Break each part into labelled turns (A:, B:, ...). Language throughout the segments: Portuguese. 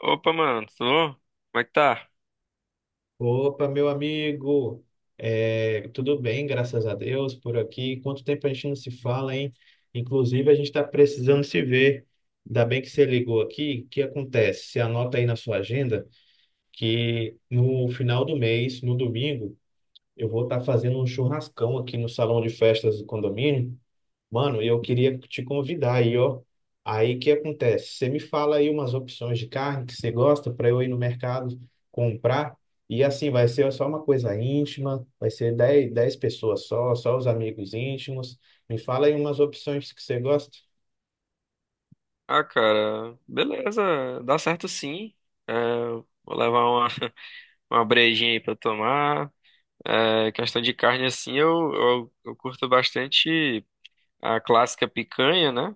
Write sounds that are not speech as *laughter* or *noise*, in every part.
A: Opa, mano, tudo bom? Como é que tá?
B: Opa, meu amigo, é, tudo bem, graças a Deus, por aqui. Quanto tempo a gente não se fala, hein? Inclusive, a gente está precisando se ver. Ainda bem que você ligou aqui. O que acontece? Você anota aí na sua agenda que no final do mês, no domingo, eu vou estar fazendo um churrascão aqui no salão de festas do condomínio. Mano, eu queria te convidar aí, ó. Aí o que acontece? Você me fala aí umas opções de carne que você gosta para eu ir no mercado comprar. E assim, vai ser só uma coisa íntima, vai ser dez pessoas só, só os amigos íntimos. Me fala aí umas opções que você gosta.
A: Ah, cara, beleza, dá certo sim. É, vou levar uma, *laughs* uma brejinha aí pra tomar. Questão de carne, assim, eu curto bastante a clássica picanha, né?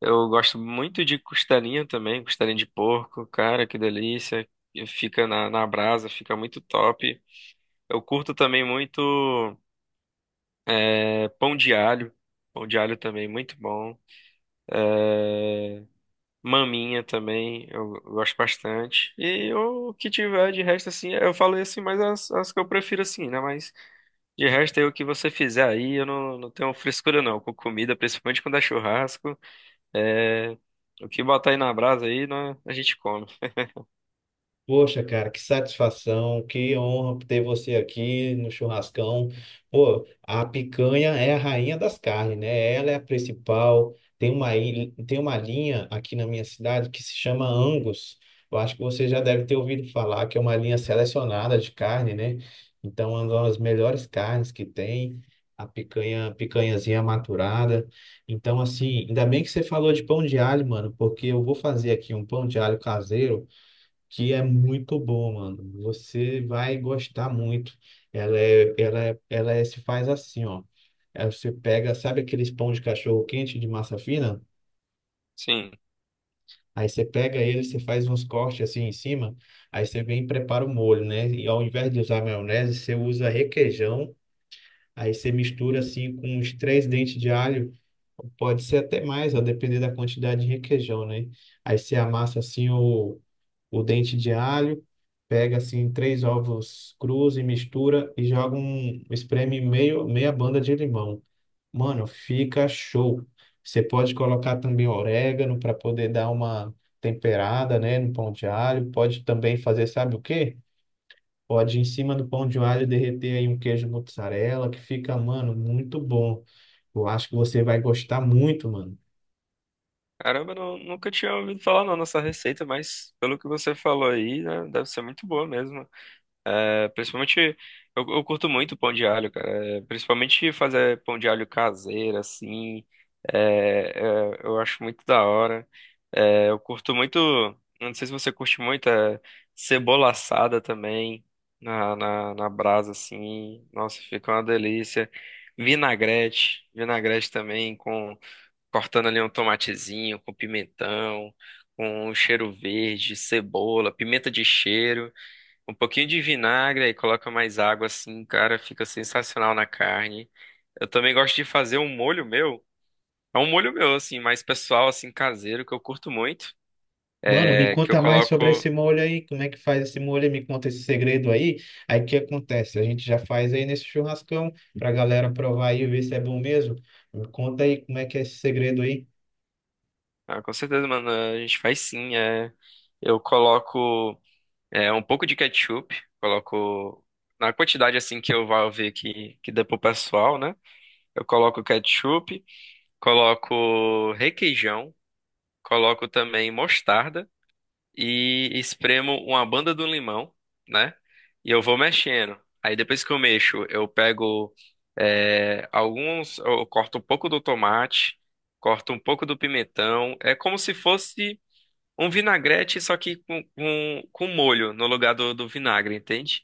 A: Eu gosto muito de costelinha também, costelinha de porco, cara, que delícia. E fica na brasa, fica muito top. Eu curto também muito é, pão de alho, pão de alho também, muito bom. Maminha também, eu gosto bastante. E o que tiver de resto, assim, eu falei assim, mas as que eu prefiro, assim, né? Mas de resto, aí, o que você fizer aí, eu não tenho frescura, não. Com comida, principalmente quando é churrasco. É, o que botar aí na brasa aí, né, a gente come.
B: Poxa, cara, que satisfação, que honra ter você aqui no churrascão. Pô, a picanha é a rainha das carnes, né? Ela é a principal. Tem uma, tem uma linha aqui na minha cidade que se chama Angus. Eu acho que você já deve ter ouvido falar que é uma linha selecionada de carne, né? Então, é uma das melhores carnes que tem, a picanha, picanhazinha maturada. Então, assim, ainda bem que você falou de pão de alho, mano, porque eu vou fazer aqui um pão de alho caseiro que é muito bom, mano. Você vai gostar muito. Se faz assim, ó. Aí você pega, sabe aqueles pão de cachorro quente de massa fina?
A: Sim.
B: Aí você pega ele, você faz uns cortes assim em cima, aí você vem e prepara o molho, né? E ao invés de usar maionese, você usa requeijão, aí você mistura assim com uns três dentes de alho, pode ser até mais, a depender da quantidade de requeijão, né? Aí você amassa assim o dente de alho, pega assim três ovos crus e mistura e joga um, espreme meio, meia banda de limão. Mano, fica show. Você pode colocar também orégano para poder dar uma temperada, né, no pão de alho. Pode também fazer, sabe o quê? Pode em cima do pão de alho derreter aí um queijo mozzarella, que fica, mano, muito bom. Eu acho que você vai gostar muito, mano.
A: Caramba, eu não, nunca tinha ouvido falar, não, nessa receita, mas pelo que você falou aí, né, deve ser muito boa mesmo. É, principalmente, eu curto muito pão de alho, cara. É, principalmente fazer pão de alho caseiro, assim. Eu acho muito da hora. É, eu curto muito, não sei se você curte muito, cebola assada também, na brasa, assim. Nossa, fica uma delícia. Vinagrete, vinagrete também, com cortando ali um tomatezinho, com pimentão, com um cheiro verde, cebola, pimenta de cheiro. Um pouquinho de vinagre, aí coloca mais água assim, cara, fica sensacional na carne. Eu também gosto de fazer um molho meu. É um molho meu, assim, mais pessoal, assim, caseiro, que eu curto muito.
B: Mano, me
A: É, que eu
B: conta mais
A: coloco.
B: sobre esse molho aí, como é que faz esse molho, aí, me conta esse segredo aí. Aí o que acontece? A gente já faz aí nesse churrascão pra galera provar aí e ver se é bom mesmo. Me conta aí como é que é esse segredo aí.
A: Ah, com certeza, mano, a gente faz sim. É, eu coloco um pouco de ketchup, coloco. Na quantidade assim que eu vou ver que dá pro pessoal, né? Eu coloco ketchup, coloco requeijão, coloco também mostarda. E espremo uma banda do limão, né? E eu vou mexendo. Aí depois que eu mexo, eu pego eu corto um pouco do tomate, corto um pouco do pimentão. É como se fosse um vinagrete, só que com molho no lugar do vinagre, entende?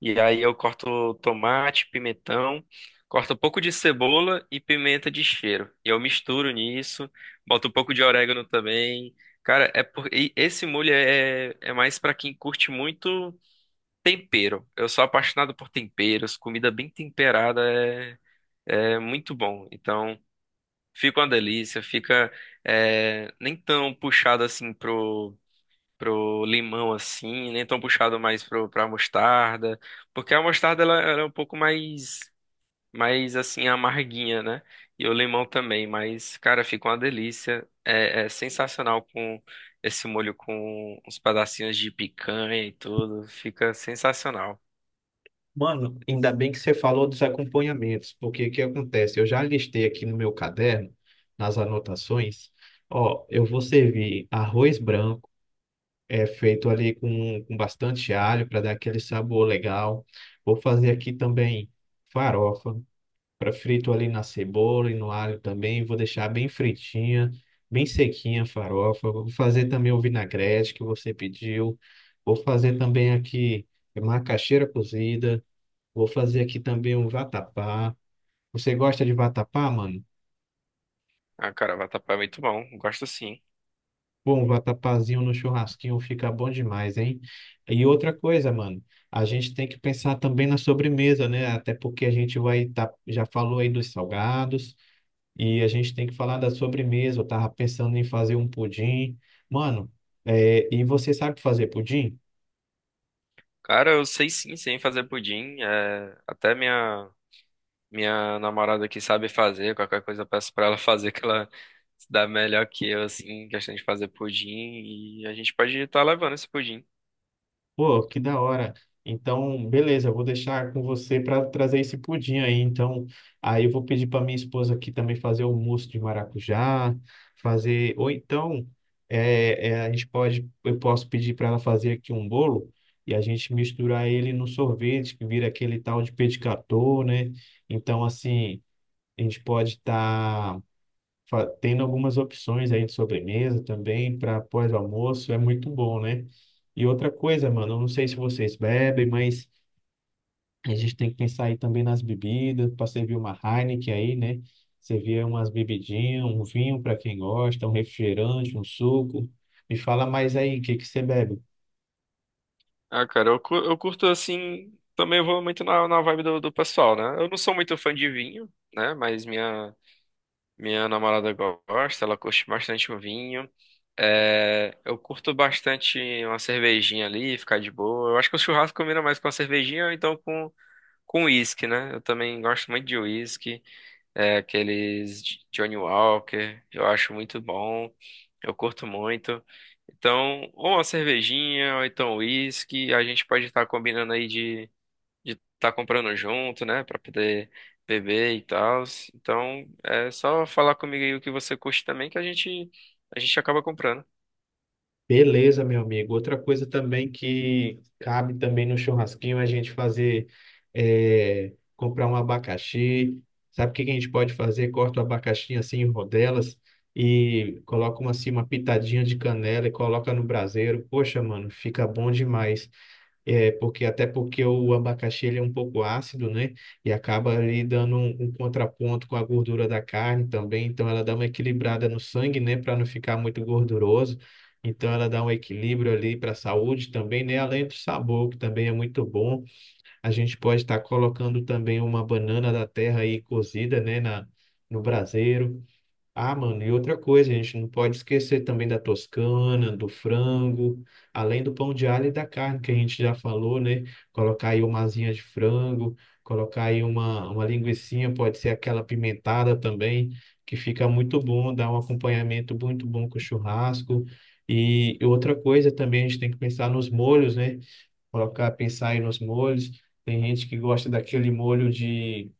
A: E aí eu corto tomate, pimentão, corto um pouco de cebola e pimenta de cheiro. E eu misturo nisso, boto um pouco de orégano também. Cara, e esse molho é mais pra quem curte muito tempero. Eu sou apaixonado por temperos, comida bem temperada é muito bom. Então, fica uma delícia, fica nem tão puxado assim pro limão assim, nem tão puxado mais pra mostarda, porque a mostarda ela é um pouco mais assim amarguinha, né? E o limão também, mas cara, fica uma delícia. É sensacional com esse molho com uns pedacinhos de picanha e tudo, fica sensacional.
B: Mano, ainda bem que você falou dos acompanhamentos, porque o que acontece? Eu já listei aqui no meu caderno, nas anotações, ó, eu vou servir arroz branco, é feito ali com bastante alho para dar aquele sabor legal. Vou fazer aqui também farofa. Pra frito ali na cebola e no alho também. Vou deixar bem fritinha, bem sequinha a farofa. Vou fazer também o vinagrete que você pediu. Vou fazer também aqui macaxeira cozida. Vou fazer aqui também um vatapá. Você gosta de vatapá, mano?
A: Ah, cara, vatapá é muito bom, gosto sim.
B: Pô, um vatapazinho no churrasquinho fica bom demais, hein? E outra coisa, mano, a gente tem que pensar também na sobremesa, né? Até porque a gente vai tá, já falou aí dos salgados. E a gente tem que falar da sobremesa. Eu tava pensando em fazer um pudim. Mano, e você sabe fazer pudim?
A: Cara, eu sei sim, sem fazer pudim, até minha minha namorada aqui sabe fazer, qualquer coisa eu peço pra ela *laughs* fazer, que ela se dá melhor que eu, assim, em questão de fazer pudim, e a gente pode estar levando esse pudim.
B: Pô, que da hora. Então, beleza, eu vou deixar com você para trazer esse pudim aí. Então, aí eu vou pedir para minha esposa aqui também fazer o mousse de maracujá, fazer. Ou então, a gente pode, eu posso pedir para ela fazer aqui um bolo e a gente misturar ele no sorvete, que vira aquele tal de pedicator, né? Então, assim, a gente pode estar tendo algumas opções aí de sobremesa também para pós-almoço, é muito bom, né? E outra coisa, mano, eu não sei se vocês bebem, mas a gente tem que pensar aí também nas bebidas, para servir uma Heineken aí, né? Servir umas bebidinhas, um vinho para quem gosta, um refrigerante, um suco. Me fala mais aí, o que que você bebe?
A: Ah, cara, eu curto, assim, também eu vou muito na vibe do pessoal, né? Eu não sou muito fã de vinho, né? Mas minha namorada gosta, ela curte bastante o vinho. É, eu curto bastante uma cervejinha ali, ficar de boa. Eu acho que o churrasco combina mais com a cervejinha, ou então com uísque, né? Eu também gosto muito de uísque. É, Johnny Walker, eu acho muito bom, eu curto muito. Então, ou uma cervejinha, ou então uísque, a gente pode estar combinando aí de estar comprando junto, né, pra poder beber e tal. Então, é só falar comigo aí o que você curte também que a gente acaba comprando.
B: Beleza, meu amigo. Outra coisa também que cabe também no churrasquinho é a gente fazer, comprar um abacaxi. Sabe o que que a gente pode fazer? Corta o abacaxi assim em rodelas e coloca uma, assim, uma pitadinha de canela e coloca no braseiro. Poxa, mano, fica bom demais. É, porque até porque o abacaxi ele é um pouco ácido, né? E acaba ali dando um, um contraponto com a gordura da carne também. Então ela dá uma equilibrada no sangue, né? Para não ficar muito gorduroso. Então ela dá um equilíbrio ali para a saúde também, né? Além do sabor, que também é muito bom. A gente pode estar colocando também uma banana da terra aí cozida, né? No braseiro. Ah, mano, e outra coisa, a gente não pode esquecer também da toscana, do frango, além do pão de alho e da carne, que a gente já falou, né? Colocar aí uma asinha de frango, colocar aí uma linguicinha, pode ser aquela pimentada também, que fica muito bom, dá um acompanhamento muito bom com o churrasco. E outra coisa também, a gente tem que pensar nos molhos, né? Colocar, pensar aí nos molhos. Tem gente que gosta daquele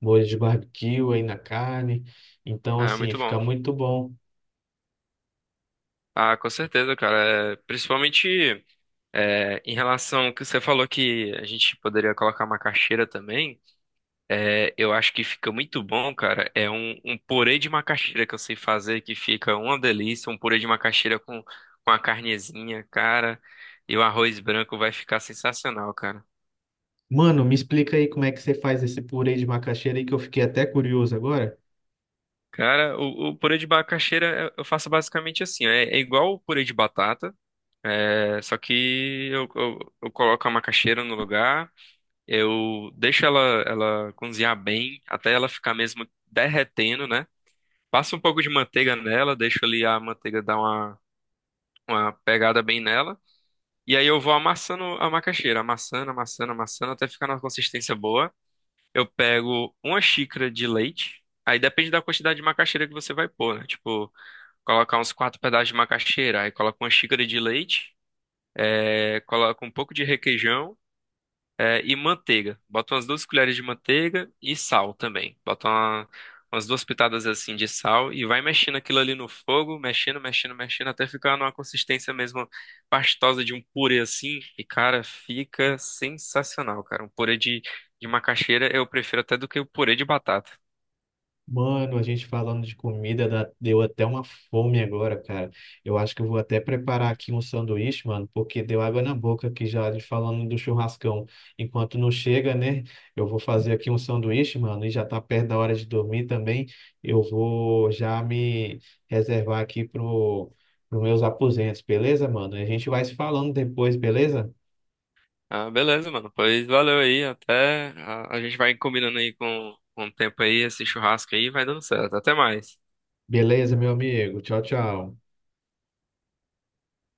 B: molho de barbecue aí na carne. Então,
A: Ah,
B: assim,
A: muito bom.
B: fica muito bom.
A: Ah, com certeza, cara. É, principalmente em relação ao que você falou que a gente poderia colocar uma caixeira também. É, eu acho que fica muito bom, cara. É um purê de macaxeira que eu sei fazer, que fica uma delícia. Um purê de macaxeira com a carnezinha, cara. E o arroz branco vai ficar sensacional, cara.
B: Mano, me explica aí como é que você faz esse purê de macaxeira aí que eu fiquei até curioso agora.
A: Cara, o purê de macaxeira eu faço basicamente assim. É, é igual o purê de batata, é, só que eu coloco a macaxeira no lugar, eu deixo ela, ela cozinhar bem, até ela ficar mesmo derretendo, né? Passo um pouco de manteiga nela, deixo ali a manteiga dar uma pegada bem nela. E aí eu vou amassando a macaxeira, amassando, amassando, amassando, até ficar numa consistência boa. Eu pego uma xícara de leite. Aí depende da quantidade de macaxeira que você vai pôr, né? Tipo, colocar uns quatro pedaços de macaxeira, aí coloca uma xícara de leite, é, coloca um pouco de requeijão e manteiga. Bota umas duas colheres de manteiga e sal também. Umas duas pitadas assim de sal e vai mexendo aquilo ali no fogo, mexendo, mexendo, mexendo, até ficar numa consistência mesmo pastosa de um purê assim. E, cara, fica sensacional, cara. Um purê de macaxeira eu prefiro até do que o purê de batata.
B: Mano, a gente falando de comida, deu até uma fome agora, cara. Eu acho que eu vou até preparar aqui um sanduíche, mano, porque deu água na boca aqui já de falando do churrascão. Enquanto não chega, né? Eu vou fazer aqui um sanduíche, mano, e já tá perto da hora de dormir também. Eu vou já me reservar aqui pro meus aposentos, beleza, mano? A gente vai se falando depois, beleza?
A: Ah, beleza, mano. Pois valeu aí. A gente vai combinando aí com o tempo aí, esse churrasco aí, vai dando certo. Até mais.
B: Beleza, meu amigo. Tchau, tchau.